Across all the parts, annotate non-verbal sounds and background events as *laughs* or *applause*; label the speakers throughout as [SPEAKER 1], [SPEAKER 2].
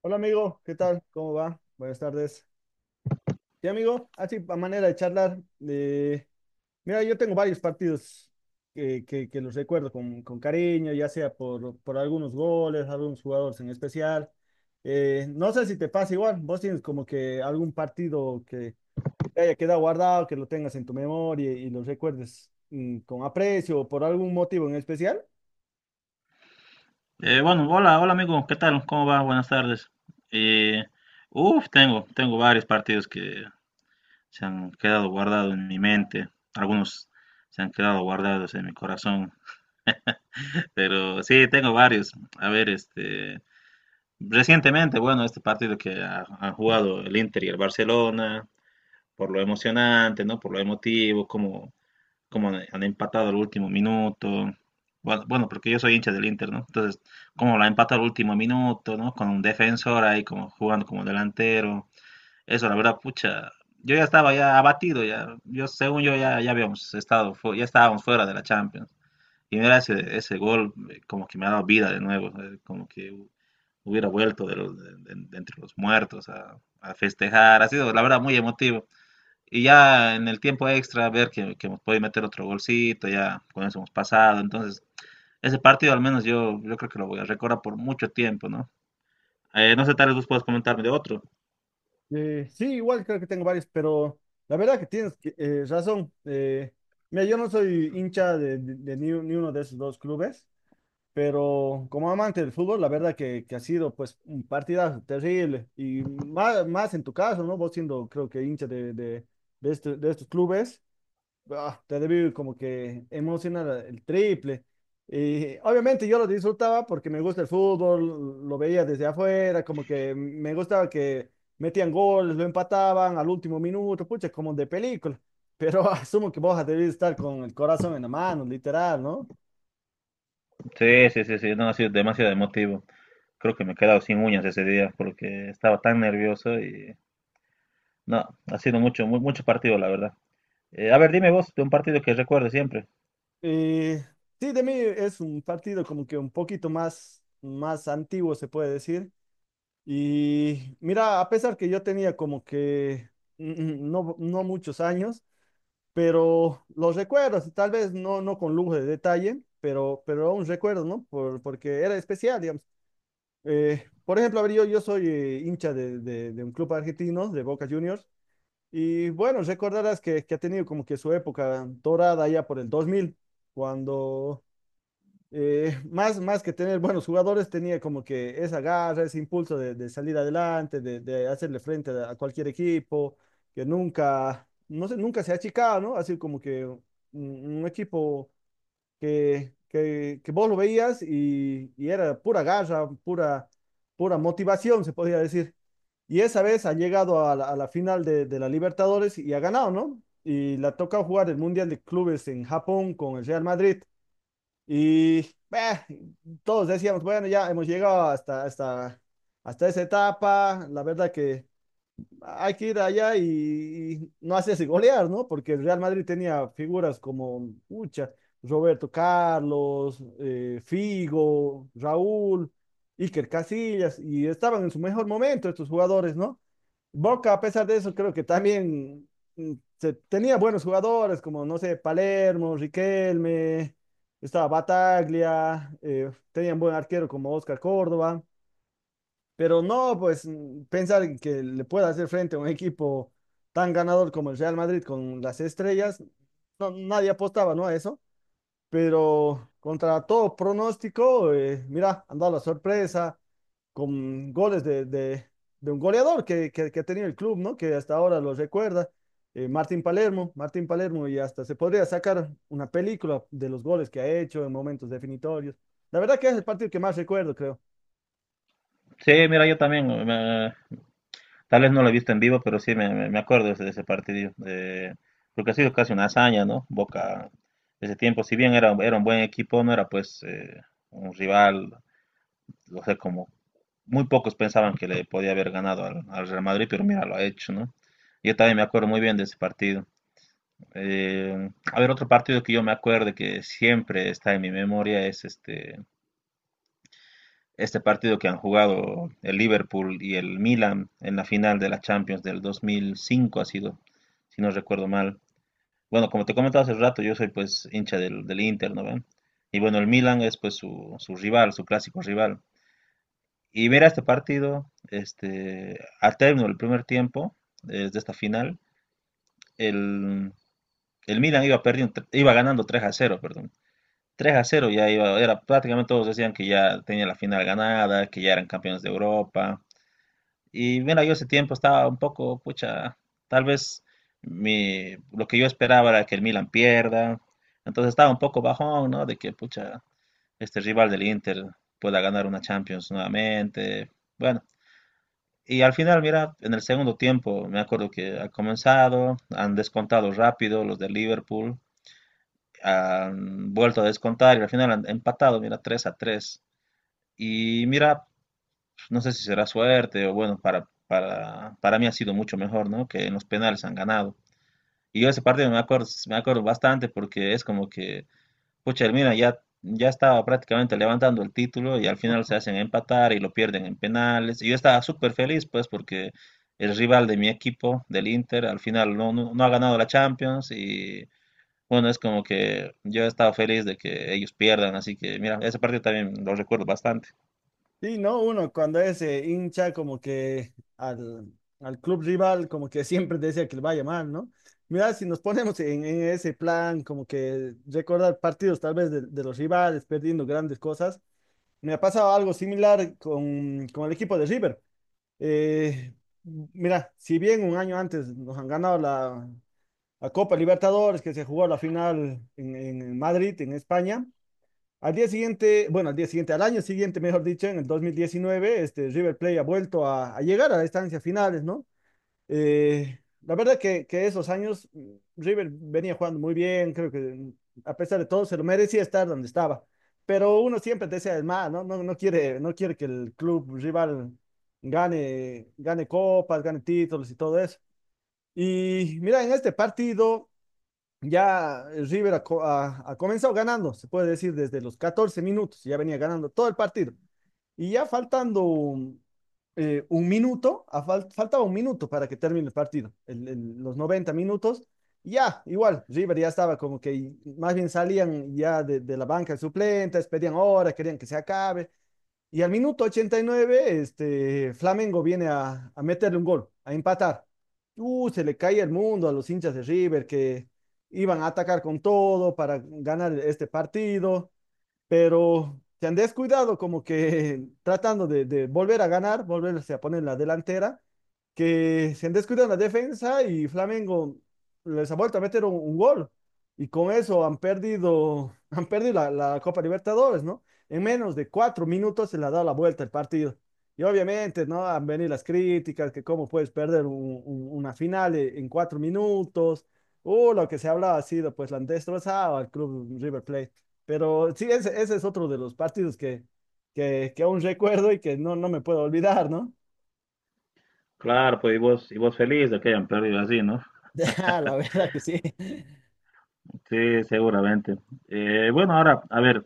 [SPEAKER 1] Hola amigo, ¿qué tal? ¿Cómo va? Buenas tardes. Sí amigo, así a manera de charlar, eh, mira, yo tengo varios partidos que los recuerdo con cariño, ya sea por algunos goles, algunos jugadores en especial. No sé si te pasa igual, vos tienes como que algún partido que te haya quedado guardado, que lo tengas en tu memoria y lo recuerdes con aprecio o por algún motivo en especial.
[SPEAKER 2] Bueno, hola, hola amigo, ¿qué tal? ¿Cómo va? Buenas tardes. Eh, tengo varios partidos que se han quedado guardados en mi mente, algunos se han quedado guardados en mi corazón, *laughs* pero sí, tengo varios. A ver, recientemente, bueno, este partido que han jugado el Inter y el Barcelona, por lo emocionante, ¿no? Por lo emotivo, cómo como han empatado al último minuto. Bueno, bueno, porque yo soy hincha del Inter, ¿no? Entonces, como la empata al último minuto, ¿no? Con un defensor ahí como jugando como delantero. Eso, la verdad, pucha, yo ya estaba ya abatido, ya, yo según yo ya, ya habíamos estado, ya estábamos fuera de la Champions. Y mira ese, ese gol, como que me ha dado vida de nuevo, como que hubiera vuelto de, de entre los muertos a festejar. Ha sido, la verdad, muy emotivo. Y ya en el tiempo extra, ver que nos puede meter otro golcito, ya con eso hemos pasado. Entonces, ese partido al menos yo, yo creo que lo voy a recordar por mucho tiempo, ¿no? No sé, tal vez vos puedas comentarme de otro.
[SPEAKER 1] Sí, igual creo que tengo varios, pero la verdad que tienes razón. Mira, yo no soy hincha de ni, ni uno de esos dos clubes, pero como amante del fútbol, la verdad que ha sido pues un partidazo terrible. Y más, más en tu caso, ¿no? Vos siendo creo que hincha de de estos clubes te debe como que emociona el triple. Y obviamente yo lo disfrutaba porque me gusta el fútbol, lo veía desde afuera, como que me gustaba que metían goles, lo empataban al último minuto, pucha, como de película. Pero *laughs* asumo que vos debes estar con el corazón en la mano, literal, ¿no?
[SPEAKER 2] Sí, sí, sí, sí, no ha sido demasiado emotivo. Creo que me he quedado sin uñas ese día porque estaba tan nervioso y no, ha sido mucho, mucho partido, la verdad. A ver, dime vos de un partido que recuerdes siempre.
[SPEAKER 1] Y sí, de mí es un partido como que un poquito más, más antiguo, se puede decir. Y mira, a pesar que yo tenía como que mm, no, no muchos años, pero los recuerdos, tal vez no, no con lujo de detalle, pero aún recuerdo, ¿no? Por, porque era especial, digamos. Por ejemplo, a ver, yo soy hincha de un club argentino, de Boca Juniors, y bueno, recordarás que ha tenido como que su época dorada ya por el 2000, cuando *laughs* más, más que tener buenos jugadores, tenía como que esa garra, ese impulso de salir adelante, de hacerle frente a cualquier equipo, que nunca, no sé, nunca se ha achicado, ¿no? Así como que un equipo que vos lo veías y era pura garra, pura, pura motivación, se podría decir. Y esa vez ha llegado a la final de la Libertadores y ha ganado, ¿no? Y la toca jugar el Mundial de Clubes en Japón con el Real Madrid. Y bah, todos decíamos, bueno, ya hemos llegado hasta esa etapa, la verdad que hay que ir allá y no hacerse golear, ¿no? Porque el Real Madrid tenía figuras como, muchas, Roberto Carlos, Figo, Raúl, Iker Casillas, y estaban en su mejor momento estos jugadores, ¿no? Boca, a pesar de eso, creo que también mm, tenía buenos jugadores, como, no sé, Palermo, Riquelme, estaba Bataglia, tenía un buen arquero como Oscar Córdoba, pero no, pues, pensar en que le pueda hacer frente a un equipo tan ganador como el Real Madrid con las estrellas, no, nadie apostaba, ¿no? A eso, pero contra todo pronóstico, mira, han dado la sorpresa, con goles de un goleador ha tenido el club, ¿no? Que hasta ahora lo recuerda, Martín Palermo, Martín Palermo, y hasta se podría sacar una película de los goles que ha hecho en momentos definitorios. La verdad que es el partido que más recuerdo, creo.
[SPEAKER 2] Sí, mira, yo también tal vez no lo he visto en vivo, pero sí me, me acuerdo de ese partido. Porque ha sido casi una hazaña, ¿no? Boca, ese tiempo, si bien era, era un buen equipo, no era pues un rival, o sea, como muy pocos pensaban que le podía haber ganado al, al Real Madrid, pero mira, lo ha hecho, ¿no? Yo también me acuerdo muy bien de ese partido. A ver, otro partido que yo me acuerdo que siempre está en mi memoria es este partido que han jugado el Liverpool y el Milan en la final de la Champions del 2005 ha sido, si no recuerdo mal. Bueno, como te comentaba hace rato, yo soy pues hincha del, del Inter, ¿no ven? Y bueno, el Milan es pues su rival, su clásico rival. Y ver a este partido, este, al término del primer tiempo, de esta final, el, el Milan iba perdiendo, iba ganando 3 a cero, perdón. Tres a cero ya iba, era prácticamente, todos decían que ya tenía la final ganada, que ya eran campeones de Europa. Y mira, yo ese tiempo estaba un poco, pucha, tal vez mi, lo que yo esperaba era que el Milan pierda. Entonces estaba un poco bajón, ¿no? De que, pucha, este rival del Inter pueda ganar una Champions nuevamente. Bueno, y al final, mira, en el segundo tiempo, me acuerdo que ha comenzado, han descontado rápido los de Liverpool, han vuelto a descontar y al final han empatado, mira, 3 a tres. Y mira, no sé si será suerte o bueno, para mí ha sido mucho mejor, ¿no? Que en los penales han ganado. Y yo ese partido me acuerdo bastante porque es como que, pucha, el Milan ya, ya estaba prácticamente levantando el título y al final se hacen empatar y lo pierden en penales. Y yo estaba súper feliz, pues, porque el rival de mi equipo, del Inter, al final no, no, no ha ganado la Champions y bueno, es como que yo he estado feliz de que ellos pierdan, así que mira, ese partido también lo recuerdo bastante.
[SPEAKER 1] Y ¿no? Uno cuando es hincha como que al club rival como que siempre desea que le vaya mal, ¿no? Mira, si nos ponemos en ese plan como que recordar partidos tal vez de los rivales perdiendo grandes cosas, me ha pasado algo similar con el equipo de River. Eh, mira, si bien un año antes nos han ganado la, la Copa Libertadores, que se jugó la final en Madrid, en España, al día siguiente, bueno, al año siguiente, mejor dicho, en el 2019 este, River Plate ha vuelto a llegar a las instancias finales, ¿no? La verdad que esos años River venía jugando muy bien, creo que a pesar de todo se lo merecía estar donde estaba, pero uno siempre desea el más, ¿no? No, no quiere, no quiere que el club rival gane, gane copas, gane títulos y todo eso. Y mira, en este partido ya el River ha comenzado ganando, se puede decir desde los 14 minutos, ya venía ganando todo el partido. Y ya faltando un minuto, faltaba un minuto para que termine el partido, los 90 minutos. Y ya, igual, River ya estaba como que más bien salían ya de la banca de suplentes, pedían hora, querían que se acabe. Y al minuto 89 este, Flamengo viene a meterle un gol, a empatar. Se le cae el mundo a los hinchas de River que iban a atacar con todo para ganar este partido, pero se han descuidado como que *laughs* tratando de volver a ganar, volverse a poner en la delantera, que se han descuidado en la defensa y Flamengo les ha vuelto a meter un gol. Y con eso han perdido, *laughs* han perdido la, la Copa Libertadores, ¿no? En menos de 4 minutos se le ha dado la vuelta el partido. Y obviamente, ¿no? Han venido las críticas, que cómo puedes perder una final en 4 minutos. Lo que se hablaba ha sido, pues, la han destrozado al club River Plate. Pero sí, ese es otro de los partidos que, que aún recuerdo y que no, no me puedo olvidar, ¿no?
[SPEAKER 2] Claro, pues y vos feliz de que hayan perdido así, ¿no?
[SPEAKER 1] *laughs* Ah, la verdad que sí.
[SPEAKER 2] Sí, seguramente. Bueno, ahora, a ver,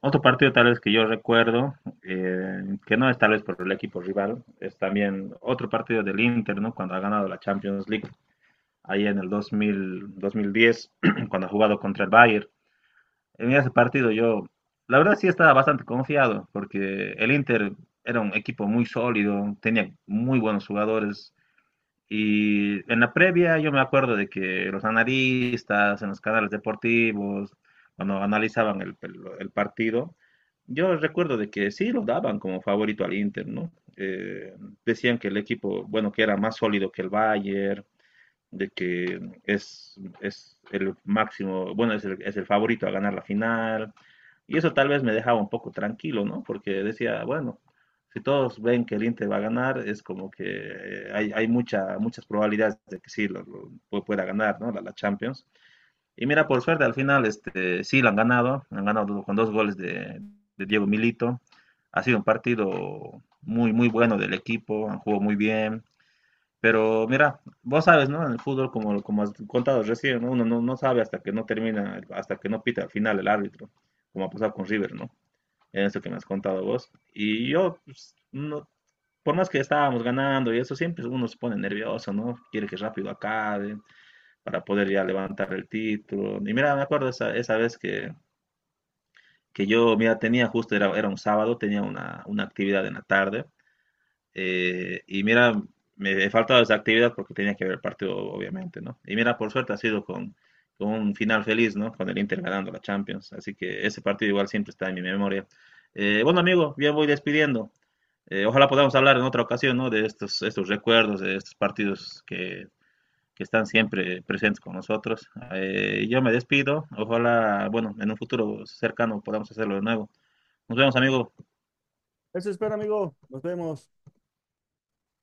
[SPEAKER 2] otro partido tal vez que yo recuerdo, que no es tal vez por el equipo rival, es también otro partido del Inter, ¿no? Cuando ha ganado la Champions League, ahí en el 2000, 2010, *clears throat* cuando ha jugado contra el Bayern. En ese partido yo, la verdad sí estaba bastante confiado, porque el Inter era un equipo muy sólido, tenía muy buenos jugadores. Y en la previa yo me acuerdo de que los analistas en los canales deportivos, cuando analizaban el partido, yo recuerdo de que sí lo daban como favorito al Inter, ¿no? Decían que el equipo, bueno, que era más sólido que el Bayern, de que es el máximo, bueno, es el favorito a ganar la final. Y eso tal vez me dejaba un poco tranquilo, ¿no? Porque decía, bueno, si todos ven que el Inter va a ganar, es como que hay, hay mucha, muchas probabilidades de que sí lo, pueda ganar, ¿no? La, la Champions. Y mira, por suerte al final este, sí la han ganado con dos goles de Diego Milito. Ha sido un partido muy, muy bueno del equipo, han jugado muy bien, pero mira, vos sabes, ¿no? En el fútbol, como, como has contado recién, ¿no? Uno no, no sabe hasta que no termina, hasta que no pita al final el árbitro, como ha pasado con River, ¿no? En eso que me has contado vos. Y yo, pues, no, por más que estábamos ganando y eso, siempre uno se pone nervioso, ¿no? Quiere que rápido acabe para poder ya levantar el título. Y mira, me acuerdo esa, esa vez que yo, mira, tenía justo, era, era un sábado, tenía una actividad en la tarde, y mira, me he faltado esa actividad porque tenía que ver partido, obviamente, ¿no? Y mira, por suerte ha sido con un final feliz, ¿no? Con el Inter ganando la Champions. Así que ese partido igual siempre está en mi memoria. Bueno, amigo, ya voy despidiendo. Ojalá podamos hablar en otra ocasión, ¿no? De estos, estos recuerdos, de estos partidos que están siempre presentes con nosotros. Yo me despido. Ojalá, bueno, en un futuro cercano podamos hacerlo de nuevo. Nos vemos, amigo.
[SPEAKER 1] Eso espero, amigo. Nos vemos.